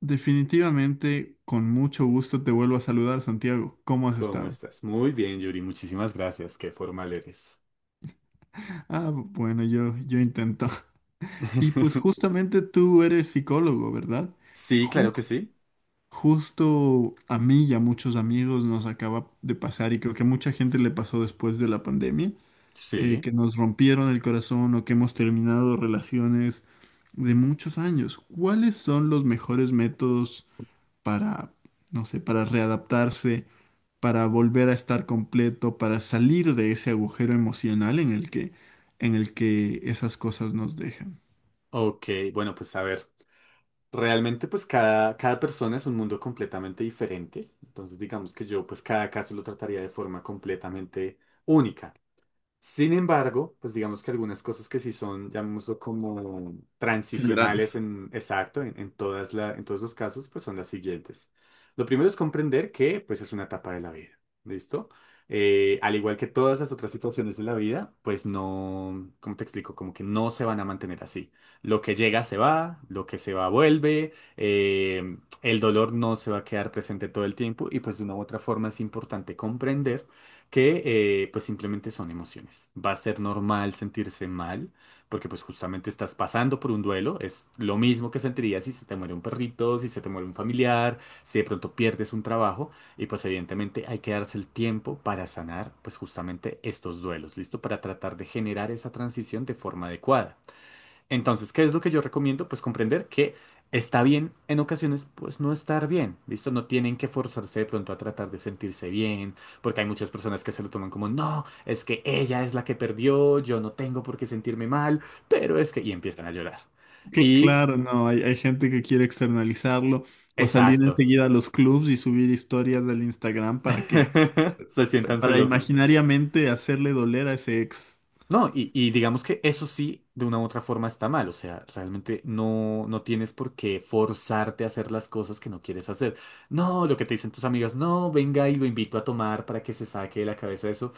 Definitivamente, con mucho gusto te vuelvo a saludar, Santiago. ¿Cómo has ¿Cómo estado? estás? Muy bien, Yuri. Muchísimas gracias. Qué formal eres. Ah, bueno, yo intento. Y pues justamente tú eres psicólogo, ¿verdad? Sí, Ju- claro que sí. Justo a mí y a muchos amigos nos acaba de pasar, y creo que a mucha gente le pasó después de la pandemia, Sí. que nos rompieron el corazón o que hemos terminado relaciones de muchos años. ¿Cuáles son los mejores métodos para, no sé, para readaptarse? ¿Para volver a estar completo, para salir de ese agujero emocional en en el que esas cosas nos dejan? Ok, bueno, pues a ver. Realmente, pues cada persona es un mundo completamente diferente. Entonces, digamos que yo, pues cada caso lo trataría de forma completamente única. Sin embargo, pues digamos que algunas cosas que sí son, llamémoslo como transicionales Generales. en exacto, en todas en todos los casos, pues son las siguientes. Lo primero es comprender que pues es una etapa de la vida, ¿listo? Al igual que todas las otras situaciones de la vida, pues no, ¿cómo te explico? Como que no se van a mantener así. Lo que llega se va, lo que se va vuelve, el dolor no se va a quedar presente todo el tiempo y pues de una u otra forma es importante comprender que pues simplemente son emociones. Va a ser normal sentirse mal, porque pues justamente estás pasando por un duelo, es lo mismo que sentirías si se te muere un perrito, si se te muere un familiar, si de pronto pierdes un trabajo, y pues evidentemente hay que darse el tiempo para sanar pues justamente estos duelos, ¿listo? Para tratar de generar esa transición de forma adecuada. Entonces, ¿qué es lo que yo recomiendo? Pues comprender que está bien en ocasiones, pues no estar bien, ¿listo? No tienen que forzarse de pronto a tratar de sentirse bien, porque hay muchas personas que se lo toman como, no, es que ella es la que perdió, yo no tengo por qué sentirme mal, pero es que... Y empiezan a llorar. Y, Claro, no, hay gente que quiere externalizarlo o salir exacto, enseguida a los clubs y subir historias del Instagram para que, se sientan para celosos. imaginariamente hacerle doler a ese ex. No, y digamos que eso sí, de una u otra forma está mal, o sea, realmente no, no tienes por qué forzarte a hacer las cosas que no quieres hacer. No, lo que te dicen tus amigas, no, venga y lo invito a tomar para que se saque de la cabeza eso.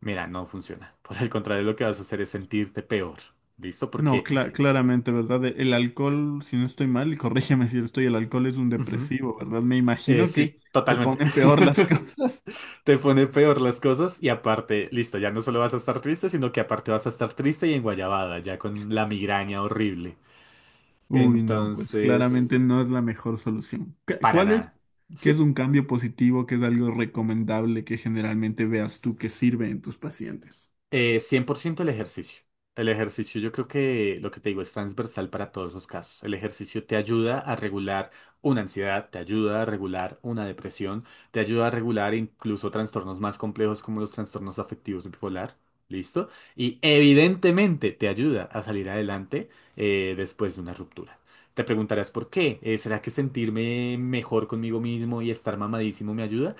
Mira, no funciona. Por el contrario, lo que vas a hacer es sentirte peor, ¿listo? No, Porque, claramente, ¿verdad? El alcohol, si no estoy mal, y corrígeme si lo estoy, el alcohol es un ujú, depresivo, ¿verdad? Me imagino que sí, se totalmente. ponen peor las cosas. Te pone peor las cosas y aparte, listo, ya no solo vas a estar triste, sino que aparte vas a estar triste y enguayabada, ya con la migraña horrible. Uy, no, pues Entonces... claramente no es la mejor solución. Para ¿Cuál es? nada. ¿Qué Sí, es un cambio positivo? ¿Qué es algo recomendable que generalmente veas tú que sirve en tus pacientes? 100% el ejercicio. El ejercicio yo creo que lo que te digo es transversal para todos los casos. El ejercicio te ayuda a regular una ansiedad, te ayuda a regular una depresión, te ayuda a regular incluso trastornos más complejos como los trastornos afectivos bipolar. ¿Listo? Y evidentemente te ayuda a salir adelante después de una ruptura. Te preguntarás por qué. ¿Será que sentirme mejor conmigo mismo y estar mamadísimo me ayuda?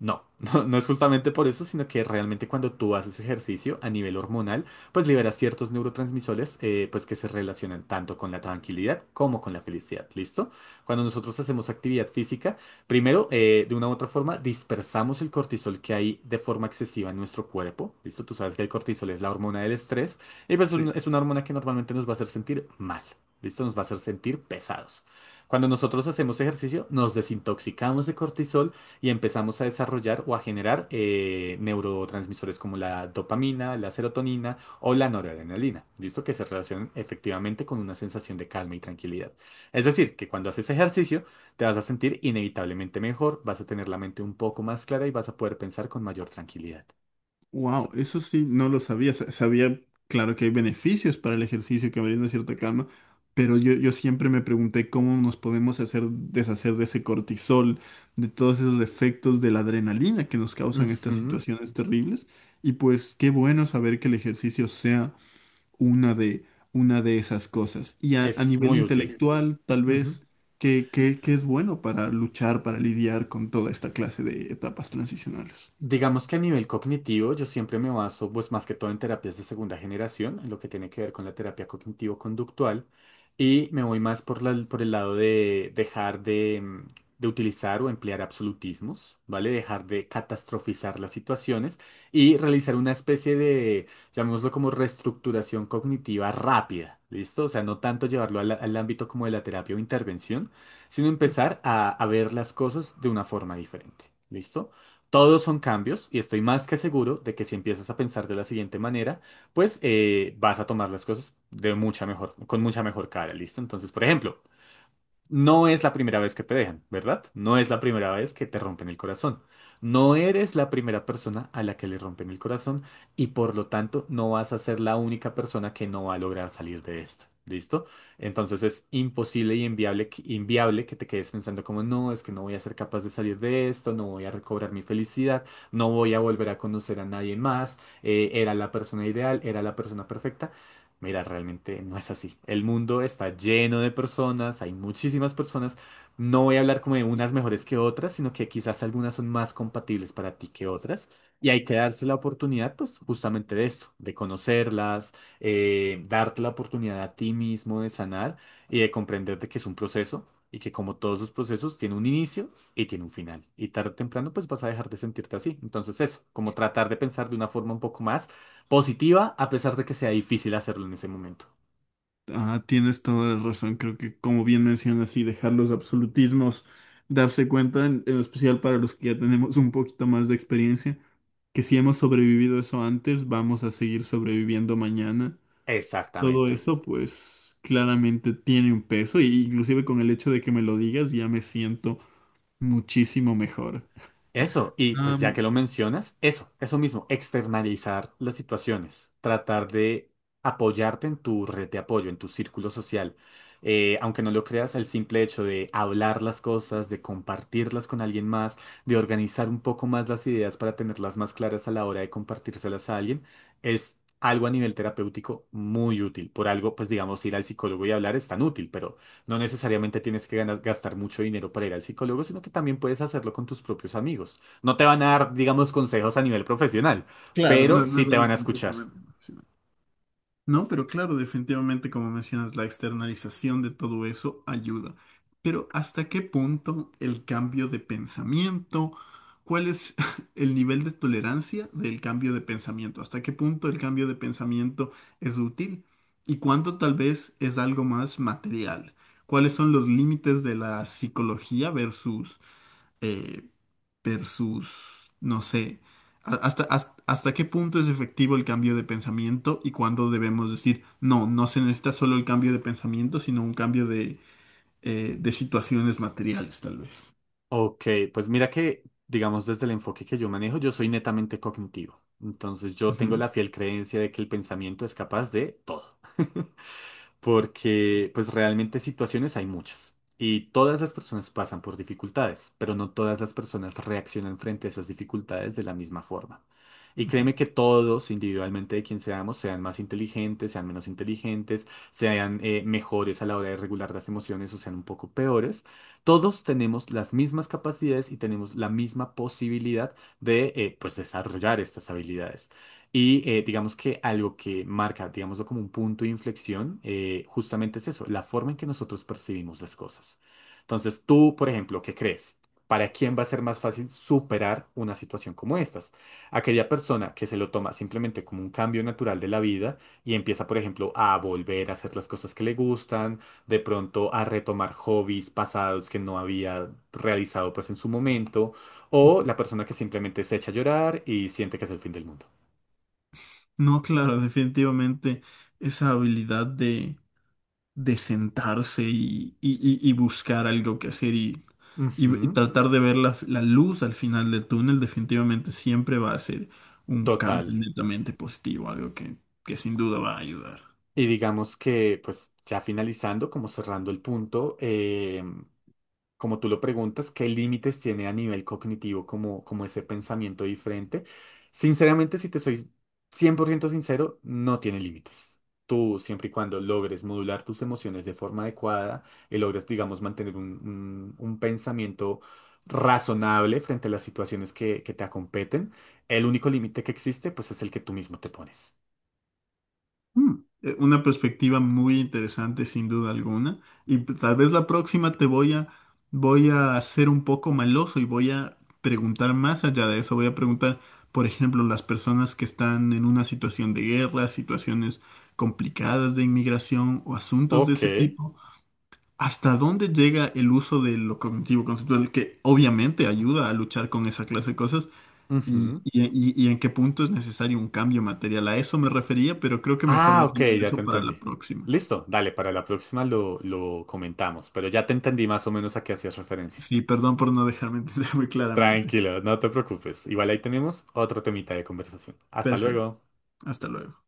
No, no, no es justamente por eso, sino que realmente cuando tú haces ejercicio a nivel hormonal, pues liberas ciertos neurotransmisores pues que se relacionan tanto con la tranquilidad como con la felicidad, ¿listo? Cuando nosotros hacemos actividad física, primero, de una u otra forma, dispersamos el cortisol que hay de forma excesiva en nuestro cuerpo, ¿listo? Tú sabes que el cortisol es la hormona del estrés y pues Sí. es una hormona que normalmente nos va a hacer sentir mal, ¿listo? Nos va a hacer sentir pesados. Cuando nosotros hacemos ejercicio, nos desintoxicamos de cortisol, y empezamos a desarrollar o a generar neurotransmisores como la dopamina, la serotonina o la noradrenalina, ¿listo? Que se relacionan efectivamente con una sensación de calma y tranquilidad. Es decir, que cuando haces ejercicio te vas a sentir inevitablemente mejor, vas a tener la mente un poco más clara y vas a poder pensar con mayor tranquilidad. Eso Wow, es- eso sí, no lo sabía. Sabía, claro, que hay beneficios para el ejercicio que brinda cierta calma, pero yo siempre me pregunté cómo nos podemos hacer deshacer de ese cortisol, de todos esos efectos de la adrenalina que nos causan estas Ujú. situaciones terribles. Y pues qué bueno saber que el ejercicio sea una de, una de esas cosas. Y a Es nivel muy útil. intelectual, tal Ujú. vez, ¿que es bueno para luchar, para lidiar con toda esta clase de etapas transicionales? Digamos que a nivel cognitivo, yo siempre me baso, pues más que todo en terapias de segunda generación, en lo que tiene que ver con la terapia cognitivo-conductual, y me voy más por el lado de dejar de, de utilizar o emplear absolutismos, ¿vale? Dejar de catastrofizar las situaciones y realizar una especie de, llamémoslo como reestructuración cognitiva rápida, ¿listo? O sea, no tanto llevarlo al ámbito como de la terapia o intervención, sino empezar a ver las cosas de una forma diferente, ¿listo? Todos son cambios y estoy más que seguro de que si empiezas a pensar de la siguiente manera, pues vas a tomar las cosas de mucha mejor, con mucha mejor cara, ¿listo? Entonces, por ejemplo, no es la primera vez que te dejan, ¿verdad? No es la primera vez que te rompen el corazón. No eres la primera persona a la que le rompen el corazón y por lo tanto no vas a ser la única persona que no va a lograr salir de esto. ¿Listo? Entonces es imposible y inviable, inviable que te quedes pensando como, no, es que no voy a ser capaz de salir de esto, no voy a recobrar mi felicidad, no voy a volver a conocer a nadie más, era la persona ideal, era la persona perfecta. Mira, realmente no es así. El mundo está lleno de personas, hay muchísimas personas. No voy a hablar como de unas mejores que otras, sino que quizás algunas son más compatibles para ti que otras. Y hay que darse la oportunidad, pues, justamente de esto, de conocerlas, darte la oportunidad a ti mismo de sanar y de comprender de que es un proceso y que como todos los procesos tiene un inicio y tiene un final. Y tarde o temprano, pues, vas a dejar de sentirte así. Entonces, eso, como tratar de pensar de una forma un poco más positiva, a pesar de que sea difícil hacerlo en ese momento. Ah, tienes toda la razón. Creo que, como bien mencionas, y dejar los absolutismos, darse cuenta, en especial para los que ya tenemos un poquito más de experiencia, que si hemos sobrevivido eso antes, vamos a seguir sobreviviendo mañana. Todo Exactamente. eso, pues, claramente tiene un peso, y inclusive con el hecho de que me lo digas, ya me siento muchísimo mejor. Eso, y pues ya Am, que lo mencionas, eso mismo, externalizar las situaciones, tratar de apoyarte en tu red de apoyo, en tu círculo social. Aunque no lo creas, el simple hecho de hablar las cosas, de compartirlas con alguien más, de organizar un poco más las ideas para tenerlas más claras a la hora de compartírselas a alguien, es algo a nivel terapéutico muy útil. Por algo, pues digamos, ir al psicólogo y hablar es tan útil, pero no necesariamente tienes que gastar mucho dinero para ir al psicólogo, sino que también puedes hacerlo con tus propios amigos. No te van a dar, digamos, consejos a nivel profesional, claro, pero no, no sí es te van algo a escuchar. completamente profesional. No, pero claro, definitivamente, como mencionas, la externalización de todo eso ayuda. Pero ¿hasta qué punto el cambio de pensamiento? ¿Cuál es el nivel de tolerancia del cambio de pensamiento? ¿Hasta qué punto el cambio de pensamiento es útil? ¿Y cuánto tal vez es algo más material? ¿Cuáles son los límites de la psicología versus... eh, versus, no sé, hasta, hasta qué punto es efectivo el cambio de pensamiento y cuándo debemos decir, no, no se necesita solo el cambio de pensamiento, sino un cambio de situaciones materiales, tal vez. Ok, pues mira que, digamos, desde el enfoque que yo manejo, yo soy netamente cognitivo. Entonces yo tengo Ujú, la fiel creencia de que el pensamiento es capaz de todo. Porque pues realmente situaciones hay muchas. Y todas las personas pasan por dificultades, pero no todas las personas reaccionan frente a esas dificultades de la misma forma. Y créeme ujú, que todos, individualmente de quien seamos, sean más inteligentes, sean menos inteligentes, sean mejores a la hora de regular las emociones o sean un poco peores. Todos tenemos las mismas capacidades y tenemos la misma posibilidad de pues desarrollar estas habilidades. Y digamos que algo que marca, digámoslo como un punto de inflexión, justamente es eso, la forma en que nosotros percibimos las cosas. Entonces, tú, por ejemplo, ¿qué crees? ¿Para quién va a ser más fácil superar una situación como estas? Aquella persona que se lo toma simplemente como un cambio natural de la vida y empieza, por ejemplo, a volver a hacer las cosas que le gustan, de pronto a retomar hobbies pasados que no había realizado pues en su momento, o ujú. la persona que simplemente se echa a llorar y siente que es el fin del mundo. No, claro, definitivamente esa habilidad de sentarse y, y buscar algo que hacer y, y Ujú, tratar de ver la luz al final del túnel, definitivamente siempre va a ser un cambio total. netamente positivo, algo que sin duda va a ayudar. Y digamos que, pues ya finalizando, como cerrando el punto, como tú lo preguntas, ¿qué límites tiene a nivel cognitivo como, como ese pensamiento diferente? Sinceramente, si te soy 100% sincero, no tiene límites. Tú, siempre y cuando logres modular tus emociones de forma adecuada y logres, digamos, mantener un, un pensamiento razonable frente a las situaciones que te acompeten, el único límite que existe, pues es el que tú mismo te pones. Mm, una perspectiva muy interesante, sin duda alguna. Y tal vez la próxima voy a ser un poco maloso y voy a preguntar más allá de eso. Voy a preguntar, por ejemplo, las personas que están en una situación de guerra, situaciones complicadas de inmigración o asuntos de Ok. ese tipo, ¿hasta dónde llega el uso de lo cognitivo conceptual que obviamente ayuda a luchar con esa clase de cosas? ¿Y, Ujú. Y en qué punto es necesario un cambio material? A eso me refería, pero creo que mejor Ah, ok, dejemos ya te eso para entendí. la próxima. Listo, dale, para la próxima lo comentamos, pero ya te entendí más o menos a qué hacías referencia. Sí, perdón por no dejarme entender muy claramente. Tranquilo, no te preocupes. Igual ahí tenemos otro temita de conversación. Hasta Perfecto. luego. Hasta luego.